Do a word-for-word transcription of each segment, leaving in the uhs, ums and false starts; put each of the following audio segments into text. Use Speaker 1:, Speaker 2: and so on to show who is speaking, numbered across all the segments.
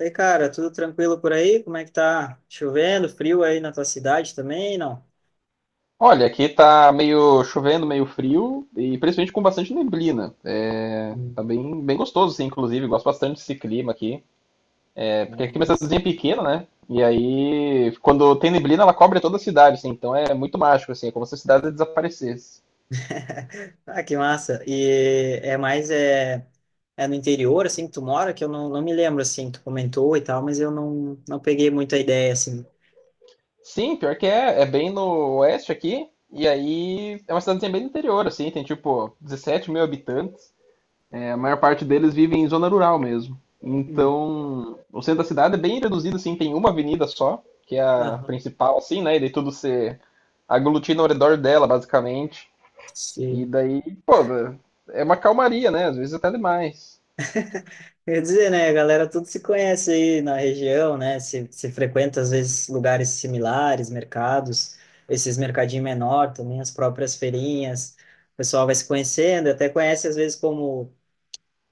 Speaker 1: E aí, cara, tudo tranquilo por aí? Como é que tá? Chovendo, frio aí na tua cidade também, não?
Speaker 2: Olha, aqui tá meio chovendo, meio frio e principalmente com bastante neblina. É, tá
Speaker 1: Hum.
Speaker 2: bem, bem gostoso, assim, inclusive. Gosto bastante desse clima aqui. É, porque aqui é uma
Speaker 1: mas-
Speaker 2: cidadezinha pequena, né? E aí, quando tem neblina, ela cobre toda a cidade, assim. Então é muito mágico, assim. É como se a cidade desaparecesse.
Speaker 1: Ah, que massa. E é mais é, é no interior, assim, que tu mora, que eu não, não me lembro, assim, tu comentou e tal, mas eu não, não peguei muita ideia, assim.
Speaker 2: Sim, pior que é. É bem no oeste aqui. E aí, é uma cidadezinha bem do interior, assim. Tem tipo 17 mil habitantes. É, a maior parte deles vive em zona rural mesmo.
Speaker 1: Uhum.
Speaker 2: Então, o centro da cidade é bem reduzido, assim, tem uma avenida só, que é a
Speaker 1: Aham.
Speaker 2: principal, assim, né? E daí tudo se aglutina ao redor dela, basicamente. E
Speaker 1: Sim.
Speaker 2: daí, pô, é uma calmaria, né? Às vezes até demais.
Speaker 1: Eu ia dizer, né, a galera tudo se conhece aí na região, né? Se, se frequenta às vezes lugares similares, mercados, esses mercadinhos menor também, as próprias feirinhas. O pessoal vai se conhecendo, até conhece às vezes como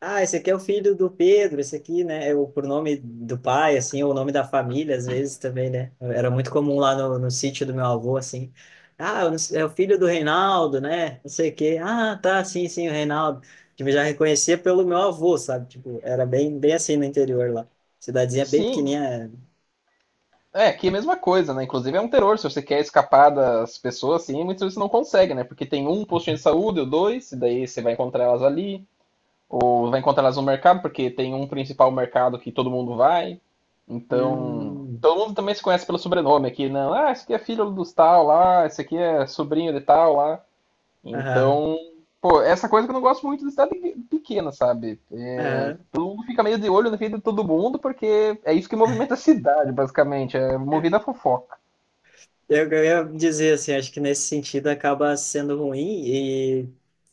Speaker 1: ah, esse aqui é o filho do Pedro, esse aqui, né? É o pronome do pai, assim, ou o nome da família, às vezes também, né? Era muito comum lá no, no sítio do meu avô, assim. Ah, eu não sei, é o filho do Reinaldo, né? Não sei o quê. Ah, tá, sim, sim, o Reinaldo. Tipo, eu já reconhecia pelo meu avô, sabe? Tipo, era bem, bem assim no interior lá. Cidadezinha bem
Speaker 2: Sim,
Speaker 1: pequenininha.
Speaker 2: é, aqui é a mesma coisa, né? Inclusive é um terror, se você quer escapar das pessoas, assim, muitas vezes você não consegue, né? Porque tem um postinho de saúde ou dois, e daí você vai encontrar elas ali, ou vai encontrar elas no mercado, porque tem um principal mercado que todo mundo vai. Então,
Speaker 1: Hum,
Speaker 2: todo mundo também se conhece pelo sobrenome aqui, não? Ah, esse aqui é filho dos tal lá, esse aqui é sobrinho de tal lá.
Speaker 1: aham,
Speaker 2: Então, pô, essa coisa que eu não gosto muito de cidade pequena, sabe? É,
Speaker 1: aham.
Speaker 2: todo mundo fica meio de olho na vida de todo mundo, porque é isso que movimenta a cidade, basicamente. É movida a fofoca.
Speaker 1: Eu, eu ia dizer assim, acho que nesse sentido acaba sendo ruim e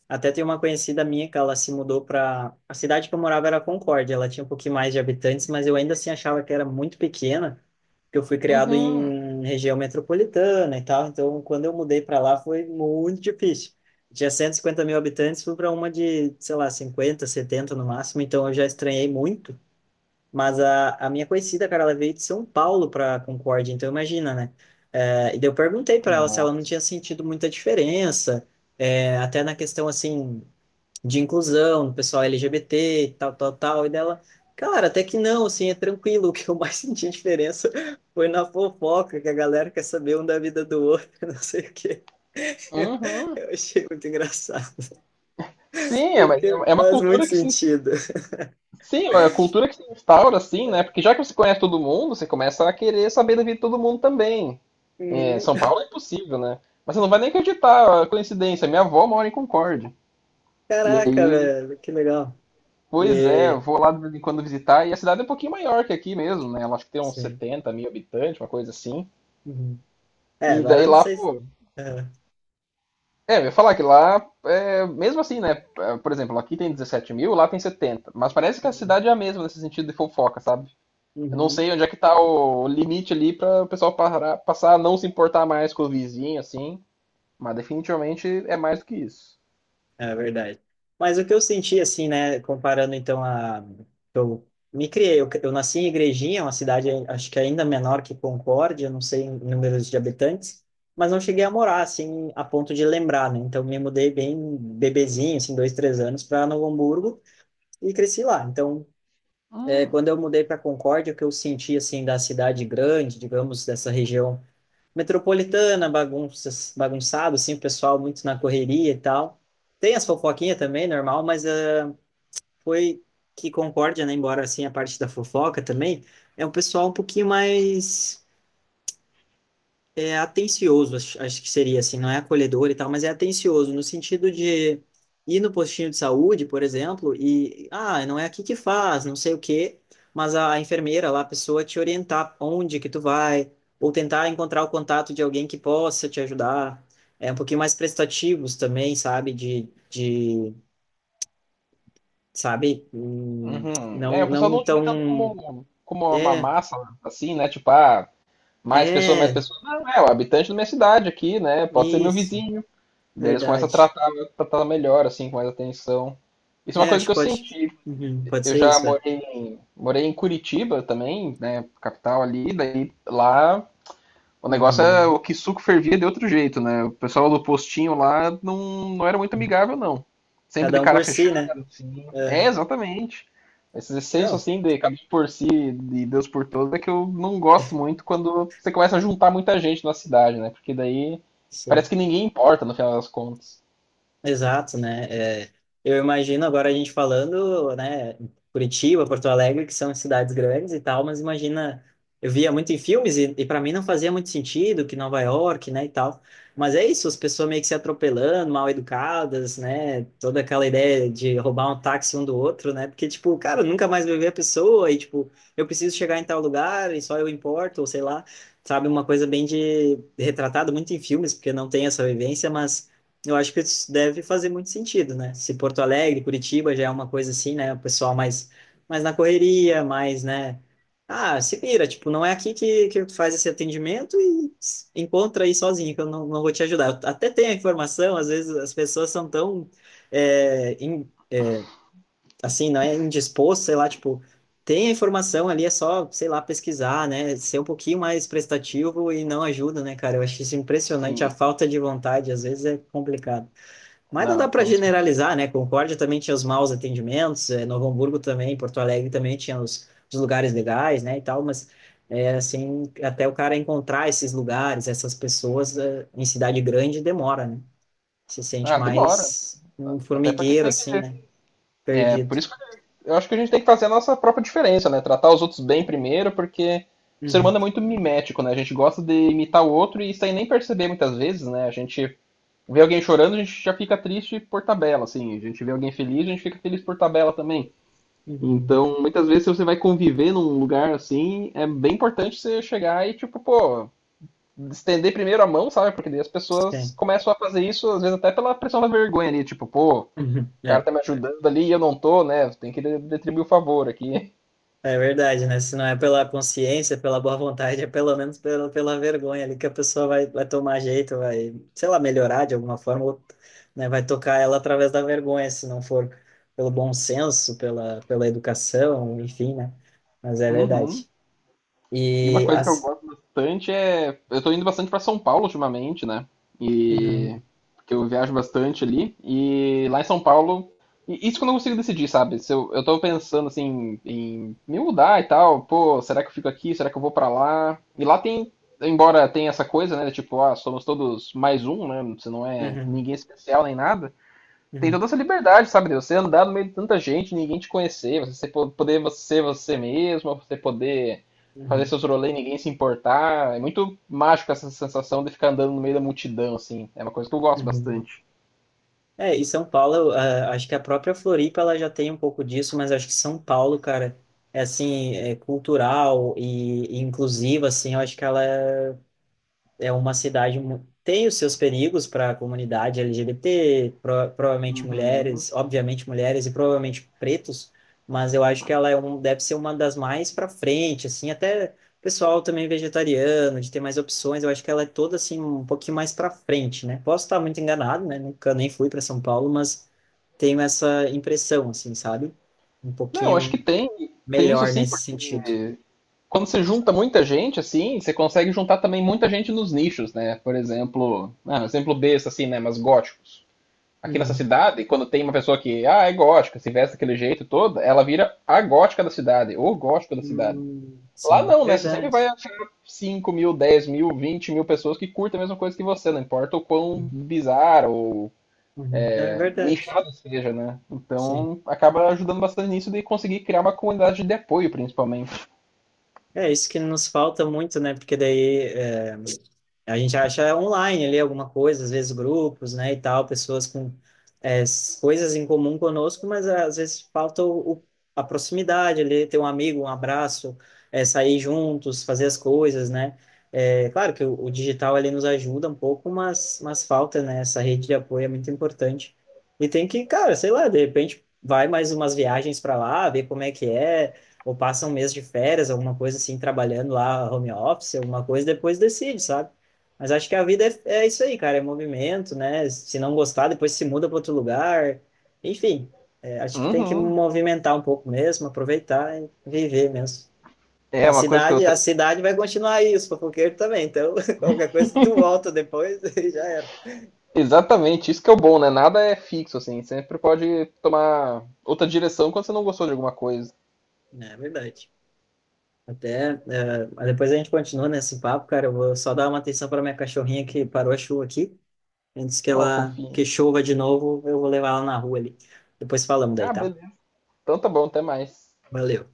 Speaker 1: até tem uma conhecida minha que ela se mudou para a cidade que eu morava era Concórdia, ela tinha um pouquinho mais de habitantes, mas eu ainda assim achava que era muito pequena, porque eu fui criado
Speaker 2: Uhum.
Speaker 1: em região metropolitana e tal, então quando eu mudei para lá foi muito difícil. Tinha cento e cinquenta mil habitantes, fui para uma de, sei lá, cinquenta, setenta no máximo, então eu já estranhei muito. Mas a, a minha conhecida, cara, ela veio de São Paulo para Concórdia, então imagina, né? É, e daí eu perguntei para ela se ela não
Speaker 2: Nossa.
Speaker 1: tinha sentido muita diferença, é, até na questão, assim, de inclusão, do pessoal L G B T e tal, tal, tal. E dela, cara, até que não, assim, é tranquilo. O que eu mais senti diferença foi na fofoca, que a galera quer saber um da vida do outro, não sei o quê. Eu,
Speaker 2: Uhum.
Speaker 1: eu achei muito engraçado,
Speaker 2: Sim, é,
Speaker 1: porque
Speaker 2: é é uma
Speaker 1: faz muito
Speaker 2: cultura que se.
Speaker 1: sentido.
Speaker 2: Sim, é a cultura que se instaura, assim,
Speaker 1: É.
Speaker 2: né? Porque já que você conhece todo mundo, você começa a querer saber da vida de todo mundo também. É,
Speaker 1: Uhum.
Speaker 2: São Paulo é impossível, né? Mas você não vai nem acreditar, a coincidência. Minha avó mora em Concórdia. E
Speaker 1: Caraca,
Speaker 2: aí,
Speaker 1: velho, que legal.
Speaker 2: pois é, eu
Speaker 1: e
Speaker 2: vou lá de vez em quando visitar. E a cidade é um pouquinho maior que aqui mesmo, né? Ela acho que tem uns
Speaker 1: Sim.
Speaker 2: 70 mil habitantes, uma coisa assim.
Speaker 1: Uhum. É,
Speaker 2: E
Speaker 1: agora
Speaker 2: daí
Speaker 1: eu não
Speaker 2: lá,
Speaker 1: sei se...
Speaker 2: pô.
Speaker 1: É.
Speaker 2: É, eu ia falar que lá, é, mesmo assim, né? É, por exemplo, aqui tem 17 mil, lá tem setenta. Mas parece que a
Speaker 1: Uhum.
Speaker 2: cidade é a mesma nesse sentido de fofoca, sabe? Eu não
Speaker 1: Uhum.
Speaker 2: sei onde é que tá o limite ali para o pessoal parar, passar a não se importar mais com o vizinho, assim. Mas definitivamente é mais do que isso.
Speaker 1: É verdade. Mas o que eu senti, assim, né, comparando então a... Eu me criei, eu, eu nasci em Igrejinha, uma cidade acho que ainda menor que Concórdia, não sei em números de habitantes, mas não cheguei a morar, assim, a ponto de lembrar, né? Então me mudei bem bebezinho, assim, dois, três anos, para Novo Hamburgo e cresci lá. Então, é,
Speaker 2: Hum,
Speaker 1: quando eu mudei para Concórdia, o que eu senti, assim, da cidade grande, digamos, dessa região metropolitana, bagunças, bagunçado, assim, o pessoal muito na correria e tal. Tem as fofoquinhas também, normal, mas ah, foi que Concórdia, né, embora assim a parte da fofoca também, é um pessoal um pouquinho mais é atencioso, acho, acho que seria assim, não é acolhedor e tal, mas é atencioso no sentido de ir no postinho de saúde, por exemplo, e ah, não é aqui que faz, não sei o quê, mas a enfermeira lá, a pessoa te orientar onde que tu vai, ou tentar encontrar o contato de alguém que possa te ajudar. É um pouquinho mais prestativos também, sabe? De, de sabe? Hum.
Speaker 2: uhum. É,
Speaker 1: Não,
Speaker 2: o pessoal
Speaker 1: não
Speaker 2: não te vê tanto
Speaker 1: tão.
Speaker 2: como, como uma
Speaker 1: É,
Speaker 2: massa, assim, né? Tipo, ah, mais pessoa, mais
Speaker 1: é,
Speaker 2: pessoa. Não, é o habitante da minha cidade aqui, né? Pode ser meu
Speaker 1: isso,
Speaker 2: vizinho. Daí eles começam a
Speaker 1: verdade.
Speaker 2: tratar, tratar melhor, assim, com mais atenção. Isso é uma
Speaker 1: É,
Speaker 2: coisa
Speaker 1: acho
Speaker 2: que
Speaker 1: que
Speaker 2: eu
Speaker 1: pode.
Speaker 2: senti.
Speaker 1: Uhum, pode
Speaker 2: Eu
Speaker 1: ser
Speaker 2: já
Speaker 1: isso, é.
Speaker 2: morei em, morei em Curitiba também, né? Capital ali, daí lá. O negócio é
Speaker 1: Uhum.
Speaker 2: o que suco fervia de outro jeito, né? O pessoal do postinho lá não, não era muito amigável, não. Sempre de
Speaker 1: Cada um
Speaker 2: cara
Speaker 1: por si, né?
Speaker 2: fechada, assim. É,
Speaker 1: É.
Speaker 2: exatamente. Esse senso,
Speaker 1: Não,
Speaker 2: assim, de cada um por si, de Deus por todos, é que eu não gosto muito quando você começa a juntar muita gente na cidade, né? Porque daí
Speaker 1: sei.
Speaker 2: parece que ninguém importa, no final das contas.
Speaker 1: Exato, né? É, eu imagino agora a gente falando, né, Curitiba, Porto Alegre, que são cidades grandes e tal, mas imagina, eu via muito em filmes e, e para mim não fazia muito sentido que Nova York, né, e tal. Mas é isso, as pessoas meio que se atropelando, mal educadas, né? Toda aquela ideia de roubar um táxi um do outro, né? Porque tipo, cara, eu nunca mais vou ver a pessoa e tipo, eu preciso chegar em tal lugar e só eu importo, ou sei lá, sabe, uma coisa bem de retratado muito em filmes, porque não tem essa vivência, mas eu acho que isso deve fazer muito sentido, né? Se Porto Alegre, Curitiba já é uma coisa assim, né? O pessoal mais, mais na correria, mais, né? Ah, se vira, tipo, não é aqui que, que tu faz esse atendimento e s- encontra aí sozinho, que eu não, não vou te ajudar. Eu até tenho a informação, às vezes as pessoas são tão, é, in- assim, não é indispostas, sei lá, tipo, tem a informação ali, é só, sei lá, pesquisar, né? Ser um pouquinho mais prestativo e não ajuda, né, cara? Eu acho isso impressionante, a
Speaker 2: Sim.
Speaker 1: falta de vontade, às vezes é complicado. Mas não dá
Speaker 2: Não,
Speaker 1: para
Speaker 2: quando...
Speaker 1: generalizar, né? Concórdia também tinha os maus atendimentos, eh, Novo Hamburgo também, Porto Alegre também tinha os, os lugares legais, né, e tal, mas é, assim, até o cara encontrar esses lugares, essas pessoas eh, em cidade grande demora, né? Se sente
Speaker 2: Ah, demora.
Speaker 1: mais um
Speaker 2: Até porque
Speaker 1: formigueiro,
Speaker 2: você tem que.
Speaker 1: assim, né? Perdido.
Speaker 2: Por isso que eu acho que a gente tem que fazer a nossa própria diferença, né? Tratar os outros bem primeiro, porque o ser
Speaker 1: Uhum,
Speaker 2: humano é muito mimético, né? A gente gosta de imitar o outro e sem nem perceber muitas vezes, né? A gente vê alguém chorando, a gente já fica triste por tabela, assim. A gente vê alguém feliz, a gente fica feliz por tabela também.
Speaker 1: uhum,
Speaker 2: Então, muitas vezes, se você vai conviver num lugar assim, é bem importante você chegar e, tipo, pô, estender primeiro a mão, sabe? Porque daí as pessoas
Speaker 1: sim.
Speaker 2: começam a fazer isso, às vezes até pela pressão da vergonha ali, tipo, pô, o
Speaker 1: Uhum,
Speaker 2: cara
Speaker 1: é.
Speaker 2: tá me ajudando ali e eu não tô, né? Tem que de- retribuir o favor aqui.
Speaker 1: É verdade, né? Se não é pela consciência, pela boa vontade, é pelo menos pela, pela vergonha ali que a pessoa vai, vai tomar jeito, vai, sei lá, melhorar de alguma forma, ou, né? Vai tocar ela através da vergonha, se não for pelo bom senso, pela, pela educação, enfim, né? Mas é
Speaker 2: Uhum.
Speaker 1: verdade.
Speaker 2: E uma
Speaker 1: E
Speaker 2: coisa que eu
Speaker 1: as.
Speaker 2: gosto bastante é. Eu tô indo bastante pra São Paulo ultimamente, né? E.
Speaker 1: Uhum,
Speaker 2: Porque eu viajo bastante ali. E lá em São Paulo. E isso que eu não consigo decidir, sabe? Se eu, eu tô pensando assim em me mudar e tal. Pô, será que eu fico aqui? Será que eu vou pra lá? E lá tem. Embora tenha essa coisa, né? Tipo, ah, somos todos mais um, né? Você não é
Speaker 1: uhum,
Speaker 2: ninguém especial nem nada. Tem
Speaker 1: uhum,
Speaker 2: toda essa liberdade, sabe? De você andar no meio de tanta gente, ninguém te conhecer, você poder ser você mesmo, você poder fazer
Speaker 1: uhum,
Speaker 2: seus rolês e ninguém se importar. É muito mágico essa sensação de ficar andando no meio da multidão, assim. É uma coisa que eu gosto
Speaker 1: uhum, uhum.
Speaker 2: bastante.
Speaker 1: É, e São Paulo, ah, acho que a própria Floripa ela já tem um pouco disso, mas acho que São Paulo, cara, é assim, é cultural e, e inclusiva, assim, eu acho que ela é é uma cidade mu- tem os seus perigos para a comunidade L G B T, pro, provavelmente
Speaker 2: Uhum.
Speaker 1: mulheres, obviamente mulheres e provavelmente pretos, mas eu acho que ela é um, deve ser uma das mais para frente, assim, até pessoal também vegetariano, de ter mais opções, eu acho que ela é toda assim um pouquinho mais para frente, né? Posso estar muito enganado, né? Nunca nem fui para São Paulo, mas tenho essa impressão, assim, sabe? Um
Speaker 2: Não, acho que
Speaker 1: pouquinho
Speaker 2: tem, tem isso
Speaker 1: melhor
Speaker 2: sim,
Speaker 1: nesse
Speaker 2: porque
Speaker 1: sentido.
Speaker 2: quando você junta muita gente, assim, você consegue juntar também muita gente nos nichos, né? Por exemplo, ah, um exemplo besta, assim, né? Mas góticos. Aqui nessa
Speaker 1: Uhum.
Speaker 2: cidade, quando tem uma pessoa que ah, é gótica, se veste daquele jeito todo, ela vira a gótica da cidade, ou gótico da cidade.
Speaker 1: Hum,
Speaker 2: Lá
Speaker 1: sim,
Speaker 2: não, né? Você sempre vai
Speaker 1: verdade.
Speaker 2: achar cinco mil, dez mil, vinte mil pessoas que curtem a mesma coisa que você, não importa o quão bizarro ou
Speaker 1: Uhum. É
Speaker 2: é,
Speaker 1: verdade.
Speaker 2: nichado seja, né?
Speaker 1: Sim.
Speaker 2: Então acaba ajudando bastante nisso de conseguir criar uma comunidade de apoio, principalmente.
Speaker 1: É isso que nos falta muito, né? Porque daí, a gente acha online ali alguma coisa, às vezes grupos, né, e tal, pessoas com é, s- coisas em comum conosco, mas é, às vezes falta o, o- a proximidade ali, ter um amigo, um abraço, é, sair juntos, fazer as coisas, né? É, claro que o, o digital ali nos ajuda um pouco, mas, mas falta, né, essa rede de apoio é muito importante. E tem que, cara, sei lá, de repente vai mais umas viagens para lá, ver como é que é, ou passa um mês de férias, alguma coisa assim, trabalhando lá, home office, alguma coisa, depois decide, sabe? Mas acho que a vida é, é isso aí, cara, é movimento, né? Se não gostar, depois se muda para outro lugar. Enfim, é, acho que tem que
Speaker 2: Uhum.
Speaker 1: movimentar um pouco mesmo, aproveitar e viver mesmo.
Speaker 2: É
Speaker 1: A
Speaker 2: uma coisa que eu
Speaker 1: cidade, a
Speaker 2: tenho.
Speaker 1: cidade vai continuar aí, os fofoqueiros também. Então, qualquer coisa, tu volta depois e já era.
Speaker 2: Exatamente, isso que é o bom, né? Nada é fixo, assim. Sempre pode tomar outra direção quando você não gostou de alguma coisa.
Speaker 1: É verdade. Até, é, mas depois a gente continua nesse papo, cara. Eu vou só dar uma atenção para minha cachorrinha que parou a chuva aqui. Antes que
Speaker 2: Ó,
Speaker 1: ela que
Speaker 2: fofinho.
Speaker 1: chova de novo, eu vou levar ela na rua ali. Depois falamos daí,
Speaker 2: Ah,
Speaker 1: tá?
Speaker 2: beleza. Então tá bom, até mais.
Speaker 1: Valeu.